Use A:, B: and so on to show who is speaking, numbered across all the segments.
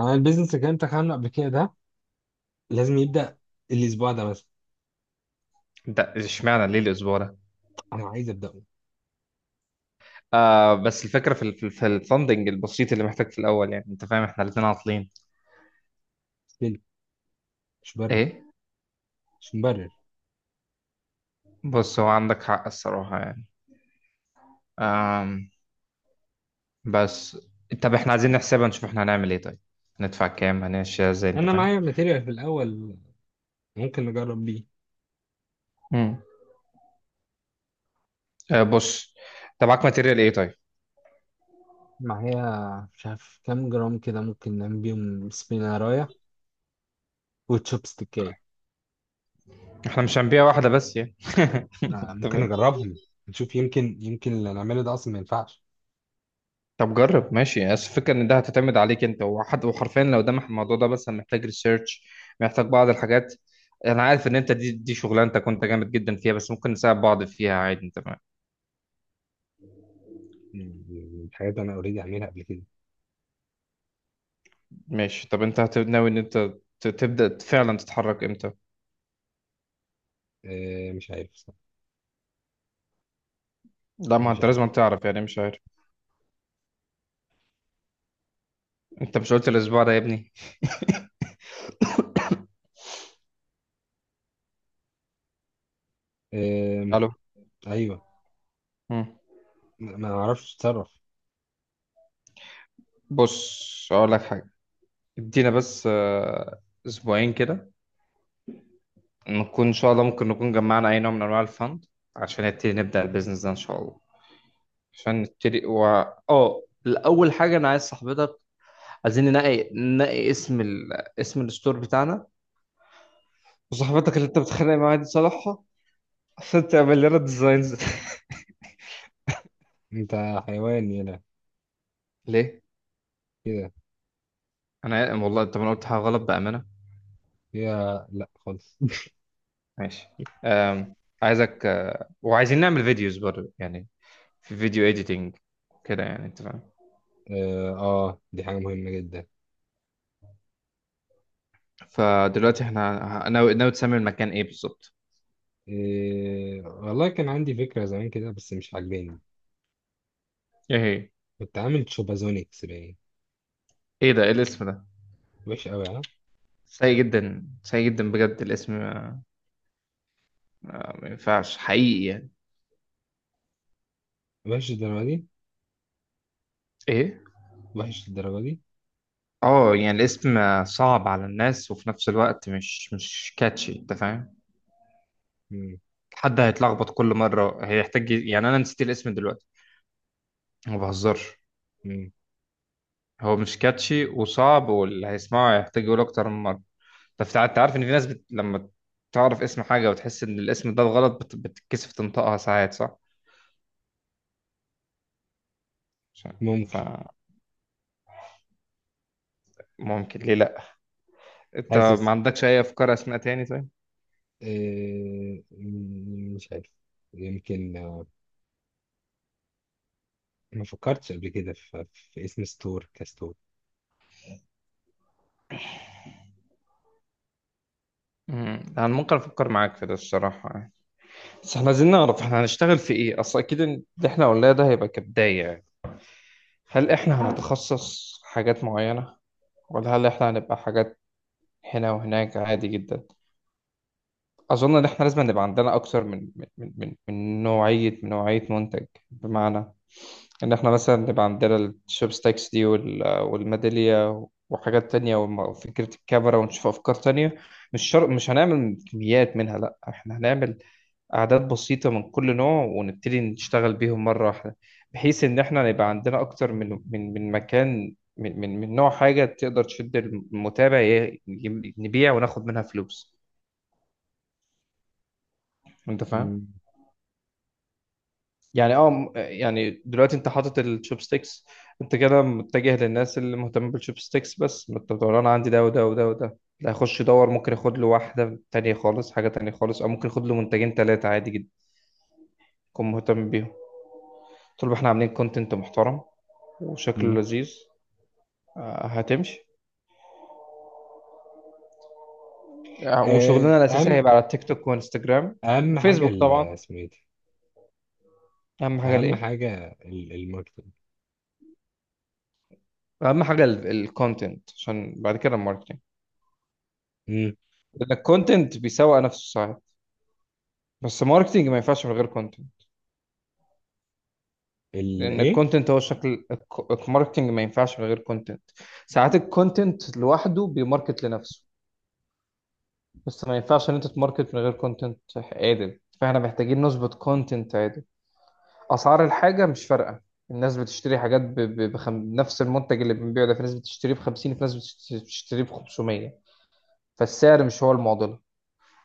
A: انا البيزنس اللي انت عامله قبل كده ده لازم يبدا الاسبوع ده بس.
B: ده اشمعنى ليه الاسبوع ده؟
A: انا عايز ابداه.
B: آه، بس الفكره في الفندنج البسيط اللي محتاج في الاول، يعني انت فاهم احنا الاثنين عاطلين.
A: ستيل. مش برر
B: ايه؟
A: مش مبرر.
B: بص، هو عندك حق الصراحه يعني. آم بس. طب احنا عايزين نحسبها نشوف احنا هنعمل ايه. طيب هندفع كام؟ هنمشي ازاي؟ انت
A: انا
B: فاهم.
A: معايا ماتيريال في الاول، ممكن نجرب بيه.
B: امم آه، بص، انت معاك ماتيريال ايه طيب؟
A: معايا، مش عارف كام جرام كده، ممكن نعمل بيهم سبينارايا وتشوب ستيكاية.
B: احنا مش هنبيع واحده بس يعني.
A: آه،
B: انت
A: ممكن
B: فاهم.
A: نجربهم. نشوف، يمكن اللي نعمله ده اصلا ما ينفعش.
B: طب جرب، ماشي، بس الفكرة ان ده هتعتمد عليك انت وحد، وحرفيا لو ده الموضوع ده مثلا محتاج ريسيرش، محتاج بعض الحاجات. انا عارف ان انت دي شغلانتك، وانت جامد جدا فيها، بس ممكن نساعد بعض فيها عادي. انت
A: الحاجات اللي انا اوريدي عاملها قبل كده.
B: ماشي. طب انت ناوي ان انت تبدأ فعلا تتحرك امتى؟
A: آه، مش عارف صح.
B: لا، ما
A: مش
B: انت
A: عارف.
B: لازم تعرف، يعني مش عارف؟ انت مش قلت الاسبوع ده يا ابني؟
A: آم،
B: الو.
A: ايوه.
B: مم.
A: ما اعرفش اتصرف.
B: بص، اقول لك حاجة، ادينا بس اسبوعين كده، نكون ان شاء الله ممكن نكون جمعنا اي نوع من انواع الفند عشان نبدأ البيزنس ده ان شاء الله. عشان نبتدي، و اه، الاول حاجه انا عايز صاحبتك، عايزين ننقي اسم ال... اسم الستور بتاعنا، وصاحبتك اللي انت بتتخانق معاها دي صالحها عشان تعمل لنا ديزاينز.
A: انت حيوان، يلا
B: ليه؟
A: كده.
B: انا والله طب انا قلت حاجه غلط بامانه؟
A: هي، لا خالص
B: ماشي. أم... عايزك وعايزين نعمل فيديوز برضه، يعني في فيديو اديتنج كده، يعني انت فاهم.
A: اه، آه، دي حاجة مهمة جدا.
B: فدلوقتي احنا ناوي تسمي المكان ايه بالظبط؟
A: والله كان عندي فكرة زمان كده بس مش عاجباني.
B: ايه هي؟
A: كنت عامل شوبازونيكس باين.
B: ايه ده؟ ايه الاسم ده؟
A: وحش قوي، ها؟
B: سيء جدا، سيء جدا بجد، الاسم ما ينفعش حقيقي يعني.
A: وحش الدرجة دي؟
B: ايه؟
A: وحش الدرجة دي.
B: اه، يعني الاسم صعب على الناس، وفي نفس الوقت مش كاتشي. انت فاهم؟
A: مم.
B: حد هيتلخبط كل مره، هيحتاج، يعني انا نسيت الاسم دلوقتي، ما بهزرش.
A: مم.
B: هو مش كاتشي وصعب، واللي هيسمعه هيحتاج يقول اكتر من مره. طب انت عارف ان في ناس بت... لما تعرف اسم حاجه وتحس ان الاسم ده غلط بت... بتتكسف تنطقها ساعات، صح؟ ف...
A: ممكن.
B: فممكن، ليه لا؟ انت ما
A: حاسس،
B: عندكش اي افكار اسماء تاني طيب؟
A: إيه... مم، مش عارف. يمكن، ما فكرتش قبل كده في... في اسم ستور كستور.
B: امم، انا ممكن افكر معاك في ده الصراحه، بس احنا عايزين نعرف احنا هنشتغل في ايه، اصل اكيد إن اللي احنا قلناه ده هيبقى كبداية يعني. هل احنا هنتخصص حاجات معينة، ولا هل احنا هنبقى حاجات هنا وهناك عادي جدا؟ اظن ان احنا لازم نبقى عندنا اكتر من نوعية منتج. بمعنى ان احنا مثلا نبقى عندنا الشوبستكس دي والميدالية وحاجات تانية وفكرة الكاميرا، ونشوف أفكار تانية. مش شرط، مش هنعمل كميات منها، لأ، احنا هنعمل أعداد بسيطة من كل نوع ونبتدي نشتغل بيهم مرة واحدة، بحيث إن إحنا يبقى عندنا أكتر من مكان، من نوع حاجة تقدر تشد المتابع، نبيع وناخد منها فلوس. أنت فاهم؟
A: مم.
B: يعني اه، يعني دلوقتي انت حاطط الشوبستيكس، انت كده متجه للناس اللي مهتمه بالشوبستيكس بس. ما انت بتقول انا عندي ده وده وده وده، لا، هيخش يدور، ممكن ياخد له واحده تانية خالص، حاجه تانية خالص، او ممكن ياخد له منتجين ثلاثه عادي جدا، يكون مهتم بيهم طول ما احنا عاملين كونتنت محترم وشكله
A: مم.
B: لذيذ. آه، هتمشي. آه، وشغلنا
A: آه،
B: الاساسي
A: أهم
B: هيبقى على التيك توك وانستجرام
A: أهم حاجة،
B: وفيسبوك طبعا.
A: اسمه إيه
B: اهم
A: ده؟
B: حاجه
A: أهم
B: الايه؟
A: حاجة الماركتينج.
B: اهم حاجه الكونتنت، عشان بعد كده الماركتنج، لان الكونتنت بيسوق نفسه ساعات، بس ماركتنج ما ينفعش من غير كونتنت. لان
A: الايه؟
B: الكونتنت هو شكل الماركتنج ما ينفعش من غير كونتنت. ساعات الكونتنت لوحده بيماركت لنفسه، بس ما ينفعش ان انت تماركت من غير كونتنت عادل. فاحنا محتاجين نظبط كونتنت عادل. اسعار الحاجه مش فارقه، الناس بتشتري حاجات ب... ب... بخم... نفس المنتج اللي بنبيعه ده في ناس بتشتريه ب 50، في ناس بتشتريه ب 500. فالسعر مش هو المعضله،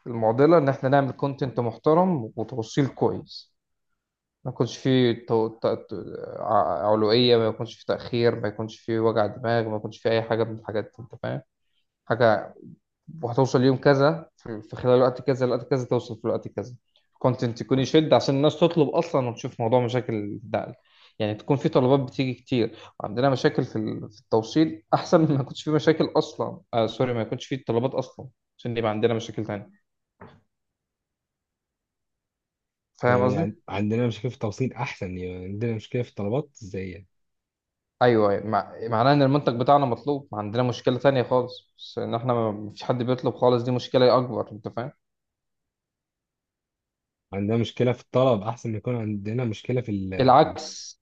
B: المعضله ان احنا نعمل كونتنت محترم وتوصيل كويس، ما يكونش فيه تو... ت... ت... علوية، ما يكونش فيه تأخير، ما يكونش فيه وجع دماغ، ما يكونش فيه أي حاجة من الحاجات دي. أنت فاهم؟ حاجة وهتوصل يوم كذا، في في خلال وقت كذا لوقت كذا، توصل في الوقت كذا. كونتنت يكون يشد عشان الناس تطلب اصلا، وتشوف موضوع مشاكل الدعم. يعني تكون في طلبات بتيجي كتير وعندنا مشاكل في التوصيل، احسن من ما يكونش في مشاكل اصلا. آه سوري، ما يكونش في طلبات اصلا، عشان يبقى عندنا مشاكل تانية. فاهم
A: يعني
B: قصدي؟
A: عندنا مشكله في التوصيل احسن، يعني عندنا مشكله في الطلبات ازاي يعني.
B: ايوه. أيوة، مع... معناه ان المنتج بتاعنا مطلوب، ما عندنا مشكلة تانية خالص، بس ان احنا ما فيش حد بيطلب خالص، دي مشكلة اكبر. انت فاهم؟
A: عندنا مشكله في الطلب احسن ما يكون عندنا مشكله في
B: العكس.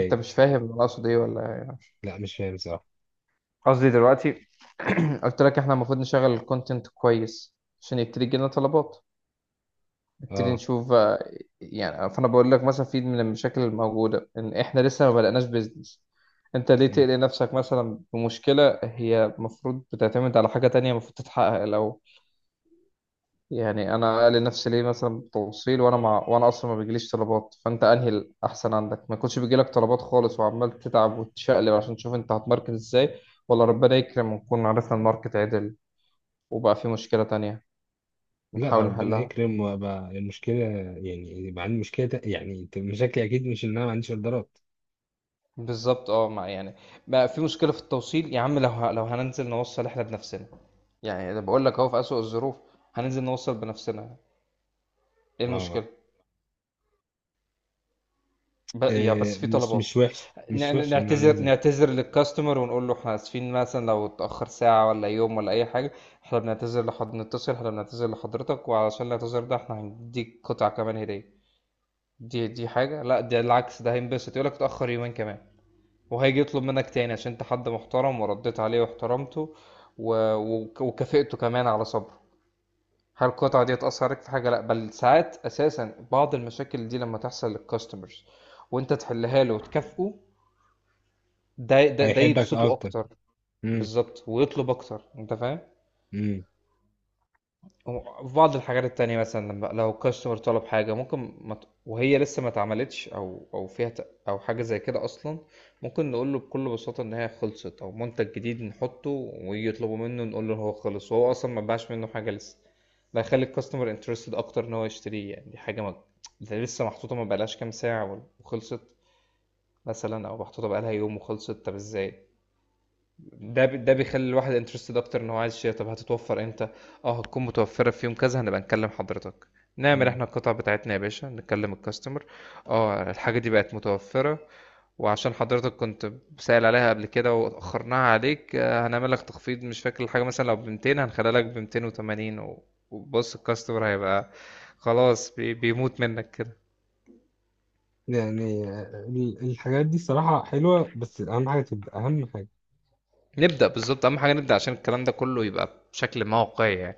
B: انت مش فاهم انا اقصد ايه ولا إيه؟
A: لا، مش فاهم صراحه.
B: قصدي دلوقتي، قلت لك احنا المفروض نشغل الكونتنت كويس، عشان يبتدي يجيلنا طلبات، نبتدي
A: اه.
B: نشوف يعني. فانا بقول لك مثلا في من المشاكل الموجوده ان احنا لسه ما بدأناش بيزنس، انت ليه
A: مم.
B: تقلق نفسك مثلا بمشكله هي المفروض بتعتمد على حاجه تانية المفروض تتحقق لو، يعني انا قلق نفسي ليه مثلا بتوصيل وانا اصلا ما بيجيليش طلبات؟ فانت انهي الاحسن عندك، ما يكونش بيجيلك طلبات خالص وعمال تتعب وتشقلب عشان تشوف انت هتماركت ازاي، ولا ربنا يكرم ونكون عرفنا الماركت عدل وبقى في مشكلة تانية
A: لا،
B: بنحاول
A: ربنا
B: نحلها؟
A: يكرم وابقى المشكله، يعني يبقى عندي مشكله يعني، مشاكلي اكيد مش ان انا ما عنديش اوردرات.
B: بالظبط. اه مع يعني، بقى في مشكلة في التوصيل يا عم، لو لو هننزل نوصل احنا بنفسنا، يعني أنا بقول لك اهو، في أسوأ الظروف هننزل نوصل بنفسنا، ايه
A: اه،
B: المشكلة؟ ب... يعني بس
A: آه،
B: في
A: مش
B: طلبات.
A: مش وحش،
B: ن-
A: مش
B: ن-
A: وحش ان انا
B: نعتذر
A: انزل.
B: نعتذر للكاستمر، ونقول له احنا اسفين مثلا لو اتأخر ساعة ولا يوم ولا اي حاجة، احنا بنعتذر لحد نتصل، احنا بنعتذر لحضرتك، وعلشان الاعتذار ده احنا هنديك قطعة كمان هدية. دي حاجة، لا، ده العكس، ده هينبسط، يقول لك اتأخر يومين كمان، وهيجي يطلب منك تاني عشان انت حد محترم ورديت عليه واحترمته، و... وكافئته كمان على صبره. هل القطعة دي هتأثر عليك في حاجة؟ لأ، بل ساعات أساسا بعض المشاكل دي لما تحصل للكاستمرز وأنت تحلها له وتكافئه، ده
A: هيحبك
B: يبسطه
A: اكتر.
B: أكتر.
A: امم.
B: بالظبط، ويطلب أكتر. أنت فاهم؟
A: امم.
B: هو في بعض الحاجات التانية مثلا، لما لو كاستمر طلب حاجة ممكن ما وهي لسه ما اتعملتش، أو فيها أو حاجة زي كده أصلا، ممكن نقول له بكل بساطة إن هي خلصت، أو منتج جديد نحطه ويجي يطلبوا منه نقول له إن هو خلص وهو أصلا ما باعش منه حاجة لسه. ده هيخلي الكاستمر انترستد أكتر إن هو يشتريه، يعني دي حاجة ما، ده لسه محطوطة ما بقالهاش كام ساعة وخلصت مثلا، أو محطوطة بقالها يوم وخلصت. طب إزاي؟ ده بيخلي الواحد انترستد اكتر ان هو عايز يشتري. طب هتتوفر امتى؟ اه، هتكون متوفره في يوم كذا، هنبقى نكلم حضرتك. نعمل
A: أمم.
B: احنا القطع بتاعتنا يا باشا، نكلم الكاستمر: اه الحاجه دي بقت متوفره، وعشان حضرتك كنت سائل عليها قبل كده واخرناها عليك، هنعمل لك تخفيض، مش فاكر الحاجه، مثلا لو ب 200 هنخليها لك ب 280، وبص الكاستمر هيبقى خلاص بيموت منك كده.
A: يعني الحاجات دي صراحه حلوه بس اهم حاجه تبدا، اهم حاجه.
B: نبدا، بالظبط، اهم حاجه نبدا، عشان الكلام ده كله يبقى بشكل موقعي يعني.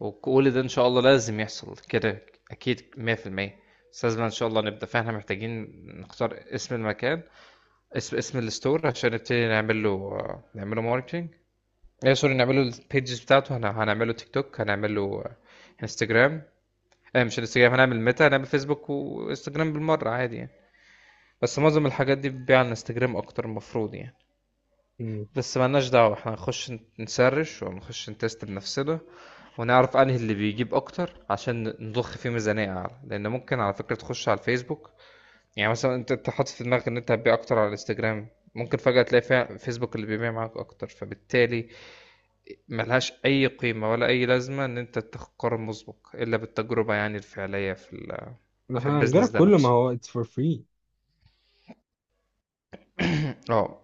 B: وكل ده إن شاء الله لازم يحصل كده أكيد 100%، بس لازم إن شاء الله نبدأ. فإحنا محتاجين نختار اسم المكان، اسم اسم الستور، عشان نبتدي نعمل له، نعمله ماركتينج. ايه سوري، نعمل له البيجز بتاعته، هنعمل له تيك توك، هنعمل له انستجرام. ايه مش انستجرام، هنعمل ميتا، هنعمل فيسبوك وانستجرام بالمرة عادي يعني. بس معظم الحاجات دي بتبيع على انستجرام أكتر المفروض يعني.
A: مم.
B: بس مالناش دعوة، احنا هنخش نسرش ونخش نتست بنفسنا، ونعرف انهي اللي بيجيب اكتر عشان نضخ فيه ميزانية اعلى، لان ممكن على فكرة تخش على الفيسبوك. يعني مثلا انت حاطط في دماغك ان انت هتبيع اكتر على الانستجرام، ممكن فجأة تلاقي فيها فيسبوك اللي بيبيع معاك اكتر، فبالتالي ملهاش اي قيمة ولا اي لازمة ان انت تاخد قرار مسبق الا بالتجربة يعني الفعلية في
A: احنا هنجرب
B: البيزنس ده
A: كله، ما
B: نفسه.
A: هو it's for free.
B: اه،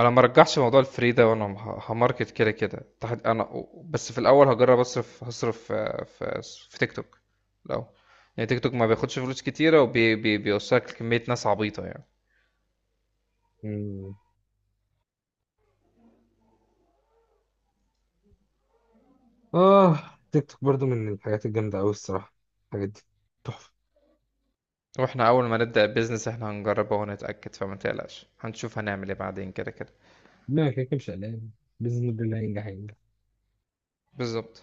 B: انا ما رجعش موضوع الفري ده، وانا هماركت كده كده تحت. انا بس في الاول هجرب اصرف، هصرف في في تيك توك لو، يعني تيك توك ما بياخدش فلوس كتيره وبيوصلك لكميه ناس عبيطه يعني.
A: مم. اه، تيك توك برضو من الحاجات الجامدة أوي الصراحة. الحاجات دي تحفة.
B: واحنا اول ما نبدا البيزنس احنا هنجربه ونتاكد، فما تقلقش، هنشوف هنعمل ايه بعدين كده كده.
A: لا، كده كده مش قلقان. باذن الله هينجح.
B: بالظبط.